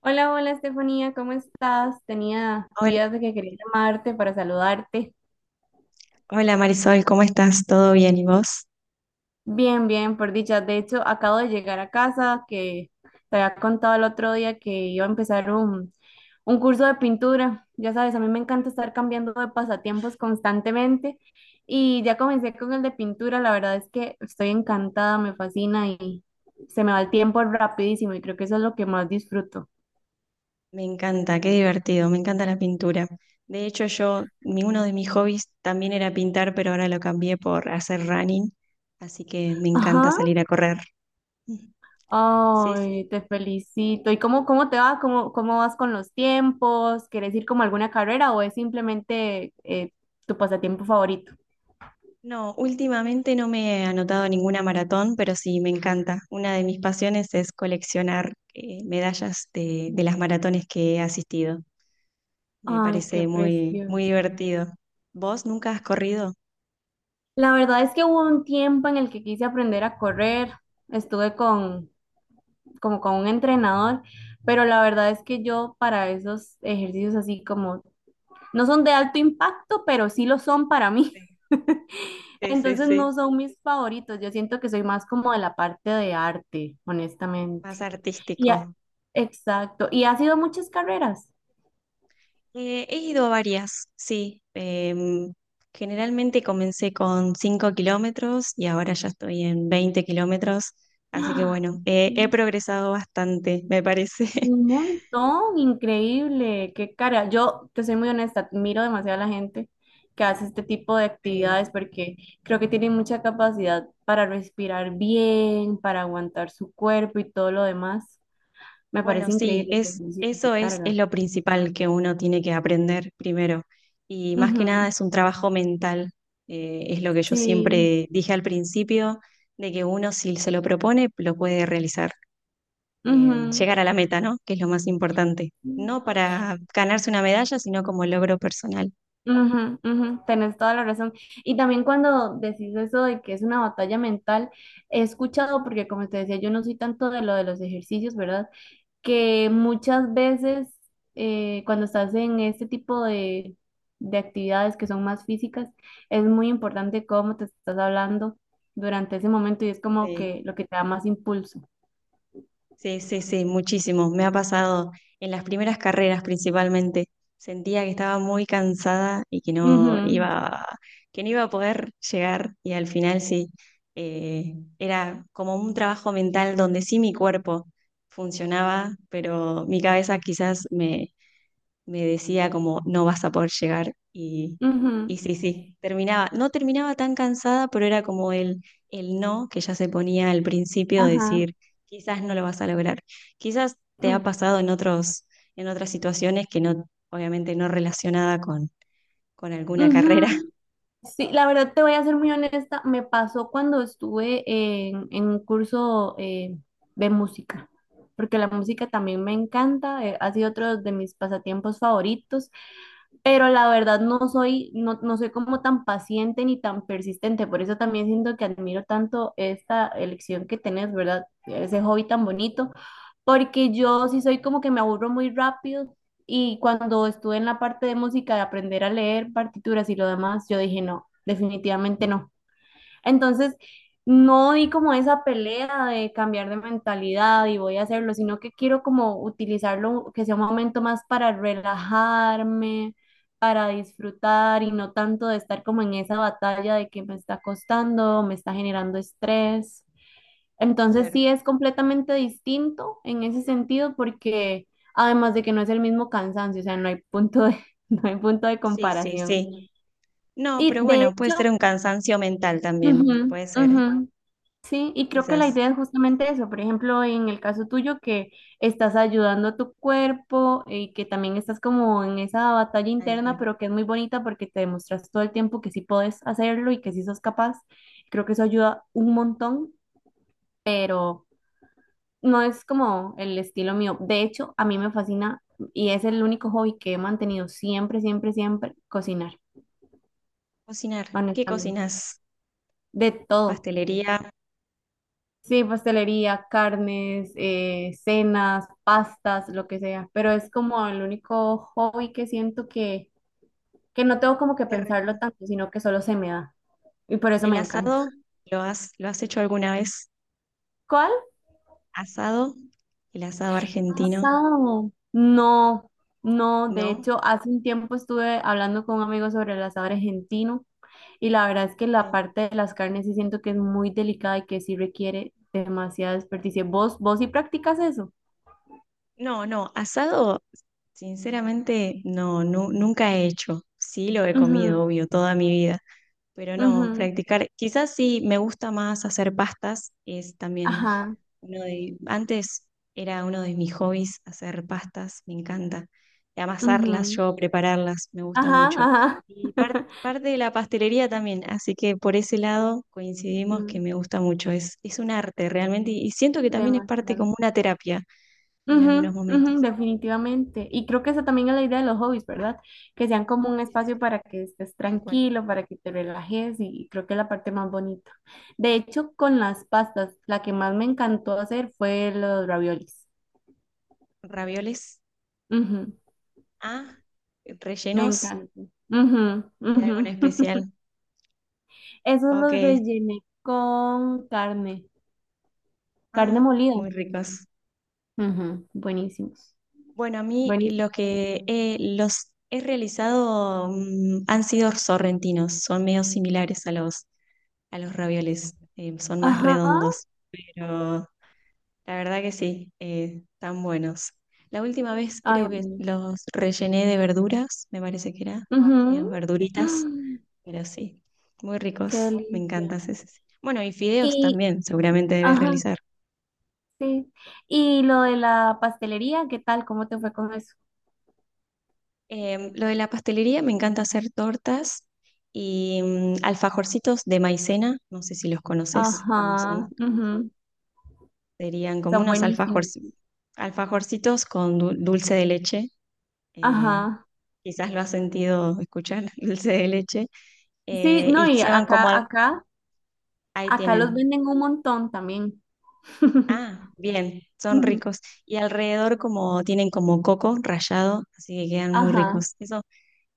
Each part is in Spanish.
Hola, hola Estefanía, ¿cómo estás? Tenía Hola, días de que quería llamarte para saludarte. hola, Marisol, ¿cómo estás? ¿Todo bien? ¿Y vos? Bien, bien, por dicha. De hecho, acabo de llegar a casa, que te había contado el otro día que iba a empezar un curso de pintura. Ya sabes, a mí me encanta estar cambiando de pasatiempos constantemente y ya comencé con el de pintura. La verdad es que estoy encantada, me fascina y se me va el tiempo rapidísimo y creo que eso es lo que más disfruto. Me encanta, qué divertido, me encanta la pintura. De hecho, yo, uno de mis hobbies también era pintar, pero ahora lo cambié por hacer running, así que me encanta Ajá. salir a correr. Sí, sí. Ay, te felicito. ¿Y cómo te va? ¿Cómo vas con los tiempos? ¿Quieres ir como a alguna carrera o es simplemente tu pasatiempo favorito? No, últimamente no me he anotado a ninguna maratón, pero sí, me encanta. Una de mis pasiones es coleccionar medallas de las maratones que he asistido. Me Ay, qué parece muy, muy precioso. divertido. ¿Vos nunca has corrido? La verdad es que hubo un tiempo en el que quise aprender a correr. Estuve con, como con un entrenador, pero la verdad es que yo para esos ejercicios así como, no son de alto impacto, pero sí lo son para mí. Sí, sí, sí, Entonces sí. no son mis favoritos, yo siento que soy más como de la parte de arte, Más honestamente. Y ha- artístico. exacto, y ha sido muchas carreras. He ido a varias, sí. Generalmente comencé con 5 km y ahora ya estoy en 20 km. Así que ¡Ah! bueno, he progresado bastante, me parece. Un montón, increíble, qué cara. Yo te soy muy honesta, miro demasiado a la gente que hace este tipo de Eh, actividades porque creo que tienen mucha capacidad para respirar bien, para aguantar su cuerpo y todo lo demás. Me bueno, parece sí, increíble, te felicito, qué eso es carga. lo principal que uno tiene que aprender primero. Y más que nada Ujú. es un trabajo mental. Es lo que yo Sí. siempre dije al principio, de que uno si se lo propone, lo puede realizar. Llegar a la meta, ¿no? Que es lo más importante. Ujú. No para ganarse una medalla, sino como logro personal. Ujú, ujú, tenés toda la razón. Y también cuando decís eso de que es una batalla mental, he escuchado, porque como te decía, yo no soy tanto de lo de los ejercicios, ¿verdad? Que muchas veces cuando estás en este tipo de actividades que son más físicas, es muy importante cómo te estás hablando durante ese momento y es como que Sí, lo que te da más impulso. sí, sí, sí, muchísimo. Me ha pasado en las primeras carreras principalmente. Sentía que estaba muy cansada y que Ujú, que no iba a poder llegar. Y al final sí, era como un trabajo mental donde sí mi cuerpo funcionaba, pero mi cabeza quizás me decía como no vas a poder llegar ujú, y sí, sí, no terminaba tan cansada, pero era como el no que ya se ponía al principio, de ajá, decir quizás no lo vas a lograr, quizás te ha ujú, pasado en otros, en otras situaciones que no, obviamente no relacionada con alguna carrera. ujú. Sí, la verdad te voy a ser muy honesta, me pasó cuando estuve en un curso de música, porque la música también me encanta, ha sido otro de mis pasatiempos favoritos pero la verdad no soy como tan paciente ni tan persistente, por eso también siento que admiro tanto esta elección que tenés, ¿verdad? Ese hobby tan bonito, porque yo sí soy como que me aburro muy rápido y cuando estuve en la parte de música de aprender a leer partituras y lo demás, yo dije no, definitivamente no. Entonces, no di como esa pelea de cambiar de mentalidad y voy a hacerlo, sino que quiero como utilizarlo, que sea un momento más para relajarme, para disfrutar y no tanto de estar como en esa batalla de que me está costando, me está generando estrés. Entonces, Claro. sí es completamente distinto en ese sentido porque además de que no es el mismo cansancio, o sea, no hay punto de, no hay punto de Sí, sí, comparación. sí. No, Y pero de bueno, puede hecho, ser un cansancio mental también, ujú, puede ser, ¿eh? ujú. Sí, y creo que la Quizás. idea es justamente eso. Por ejemplo, en el caso tuyo, que estás ayudando a tu cuerpo y que también estás como en esa batalla Tal interna, cual. pero que es muy bonita porque te demuestras todo el tiempo que sí puedes hacerlo y que sí sos capaz. Creo que eso ayuda un montón, pero no es como el estilo mío. De hecho, a mí me fascina y es el único hobby que he mantenido siempre, siempre, siempre, cocinar, Cocinar, ¿qué honestamente. cocinas? De todo. Pastelería, Sí, pastelería, carnes, cenas, pastas, lo que sea, pero es como el único hobby que siento que no tengo como que qué pensarlo rico. tanto, sino que solo se me da y por eso ¿El me encanta. asado lo has hecho alguna vez? ¿Cuál? ¿Asado? El asado argentino, Asado. No, no, de ¿no? hecho, hace un tiempo estuve hablando con un amigo sobre el asado argentino y la verdad es que la Sí. parte de las carnes sí siento que es muy delicada y que sí requiere demasiada desperdicio. ¿Vos sí practicas eso? No, no, asado, sinceramente, no, nunca he hecho. Sí lo he Ujú, comido, obvio, toda mi vida, pero no, ujú, practicar. Quizás sí me gusta más hacer pastas, es también ajá, antes era uno de mis hobbies hacer pastas, me encanta. Amasarlas, ujú. yo prepararlas, me gusta Ajá, mucho. ajá. Y parte de la pastelería también, así que por ese lado coincidimos que Mm. me gusta mucho. Es un arte realmente y siento que también es parte Demasiado. como una terapia en algunos Ujú, ujú, momentos. definitivamente. Y creo que esa también es la idea de los hobbies, ¿verdad? Que sean como un Sí, sí, espacio sí. para que estés Tal cual. tranquilo, para que te relajes y creo que es la parte más bonita. De hecho, con las pastas, la que más me encantó hacer fue los raviolis. Ravioles, Ujú, ah, me rellenos encantó. Ujú, de algo en ujú. especial. Esos Ok, los rellené con carne, ah, carne molida. muy ricos. Ujú, buenísimos. Bueno, a mí Buenísimos. lo que los he realizado han sido sorrentinos, son medio similares a los ravioles, son más Ajá. redondos, pero la verdad que sí, están buenos. La última vez Ay, creo que buenísimo. los rellené de verduras, me parece que era, menos Ujú. verduritas, Mm. pero sí, muy Qué ricos, me delicia. encantan, sí, sí, sí. Bueno, y fideos Y, también, seguramente debes ajá, realizar. sí. Y lo de la pastelería, ¿qué tal? ¿Cómo te fue con eso? Lo de la pastelería, me encanta hacer tortas y alfajorcitos de maicena, no sé si los conoces, Ajá, cómo son. ujú. Serían como Son unos buenísimos. Alfajorcitos con dulce de leche. eh, Ajá. Quizás lo has sentido escuchar, dulce de leche. Sí, no, Y y se van ahí acá los tienen. venden un montón también. Ah, bien, son Ujú. ricos. Y alrededor como tienen como coco rallado, así que quedan muy Ajá, ricos. Eso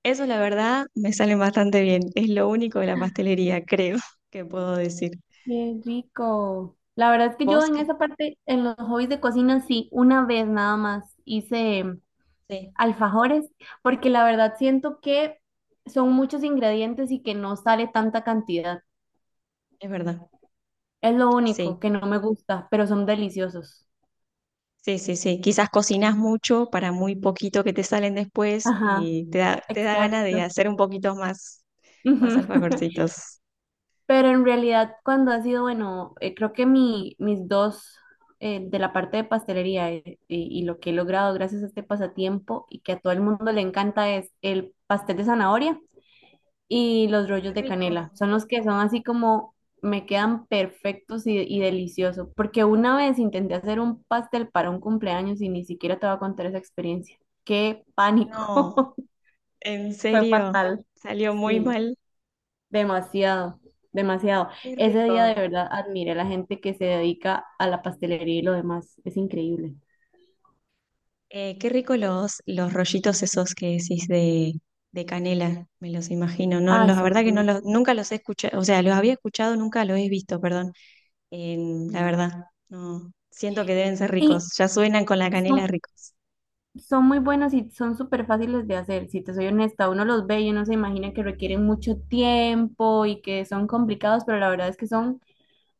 Eso la verdad me salen bastante bien. Es lo único de la pastelería, creo, que puedo decir. qué rico. La verdad es que yo ¿Vos en qué? esa parte, en los hobbies de cocina, sí, una vez nada más hice Sí, alfajores, porque la verdad siento que son muchos ingredientes y que no sale tanta cantidad. es verdad. Es lo Sí, único que no me gusta, pero son deliciosos. sí, sí, sí. Quizás cocinas mucho para muy poquito que te salen después Ajá, y te da ganas de exacto. hacer un poquito más, más Ujú. alfajorcitos. Pero en realidad cuando ha sido, bueno, creo que mis dos de la parte de pastelería, y lo que he logrado gracias a este pasatiempo y que a todo el mundo le encanta es el pastel de zanahoria y los Qué rollos de rico. canela. Son los que son así como me quedan perfectos y deliciosos. Porque una vez intenté hacer un pastel para un cumpleaños y ni siquiera te voy a contar esa experiencia. ¡Qué No, pánico! en Fue serio, fatal. salió muy Sí, mal. demasiado, demasiado. Qué Ese día de rico. verdad admiré a la gente que se dedica a la pastelería y lo demás. Es increíble. Qué rico los rollitos esos que decís de canela, me los imagino. No, Ay, la son... verdad que muy- nunca los he escuchado, o sea, los había escuchado, nunca los he visto, perdón. La verdad, no. Siento que deben ser Y ricos. Ya suenan con la canela son. ricos. Son muy buenos y son súper fáciles de hacer, si te soy honesta, uno los ve y uno se imagina que Sí. requieren mucho tiempo y que son complicados, pero la verdad es que son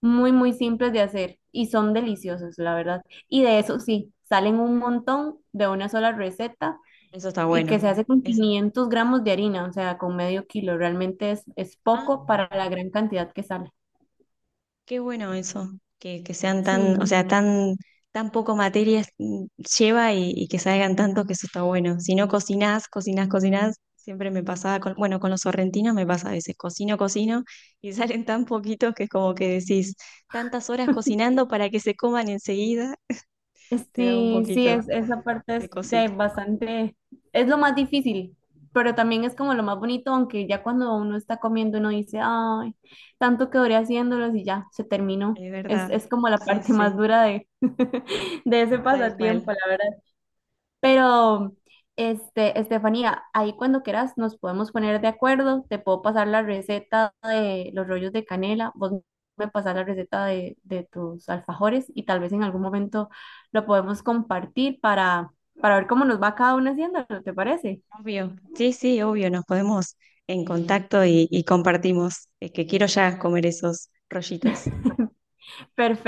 muy, muy simples de hacer y son deliciosos, la verdad. Y de eso sí, salen un montón de una sola receta Eso está y que se bueno. hace con Es, 500 g de harina, o sea, con medio kilo, realmente es ah, poco para la gran cantidad que sale. qué bueno eso, que sean tan, o Sí. sea, tan, tan poco materias lleva y que salgan tantos que eso está bueno. Si no cocinás, cocinás, cocinás, siempre me pasaba con, bueno, con los sorrentinos me pasa a veces, cocino, cocino y salen tan poquitos que es como que decís, tantas horas cocinando para que se coman enseguida, te da un Sí, sí, poquito es, esa parte de es de cosita. bastante, es lo más difícil, pero también es como lo más bonito, aunque ya cuando uno está comiendo uno dice, ay, tanto que duré haciéndolos y ya, se terminó. Es verdad, Es como la sí, parte más sí, dura de, de ese tal cual. pasatiempo, la verdad. Pero, este, Estefanía, ahí cuando quieras nos podemos poner de acuerdo. Te puedo pasar la receta de los rollos de canela, vos me pasas la receta de tus alfajores y tal vez en algún momento lo podemos compartir para ver cómo nos va cada una haciendo, ¿te parece? Obvio, sí, sí, obvio, nos podemos en contacto y compartimos, es que quiero ya comer esos rollitos.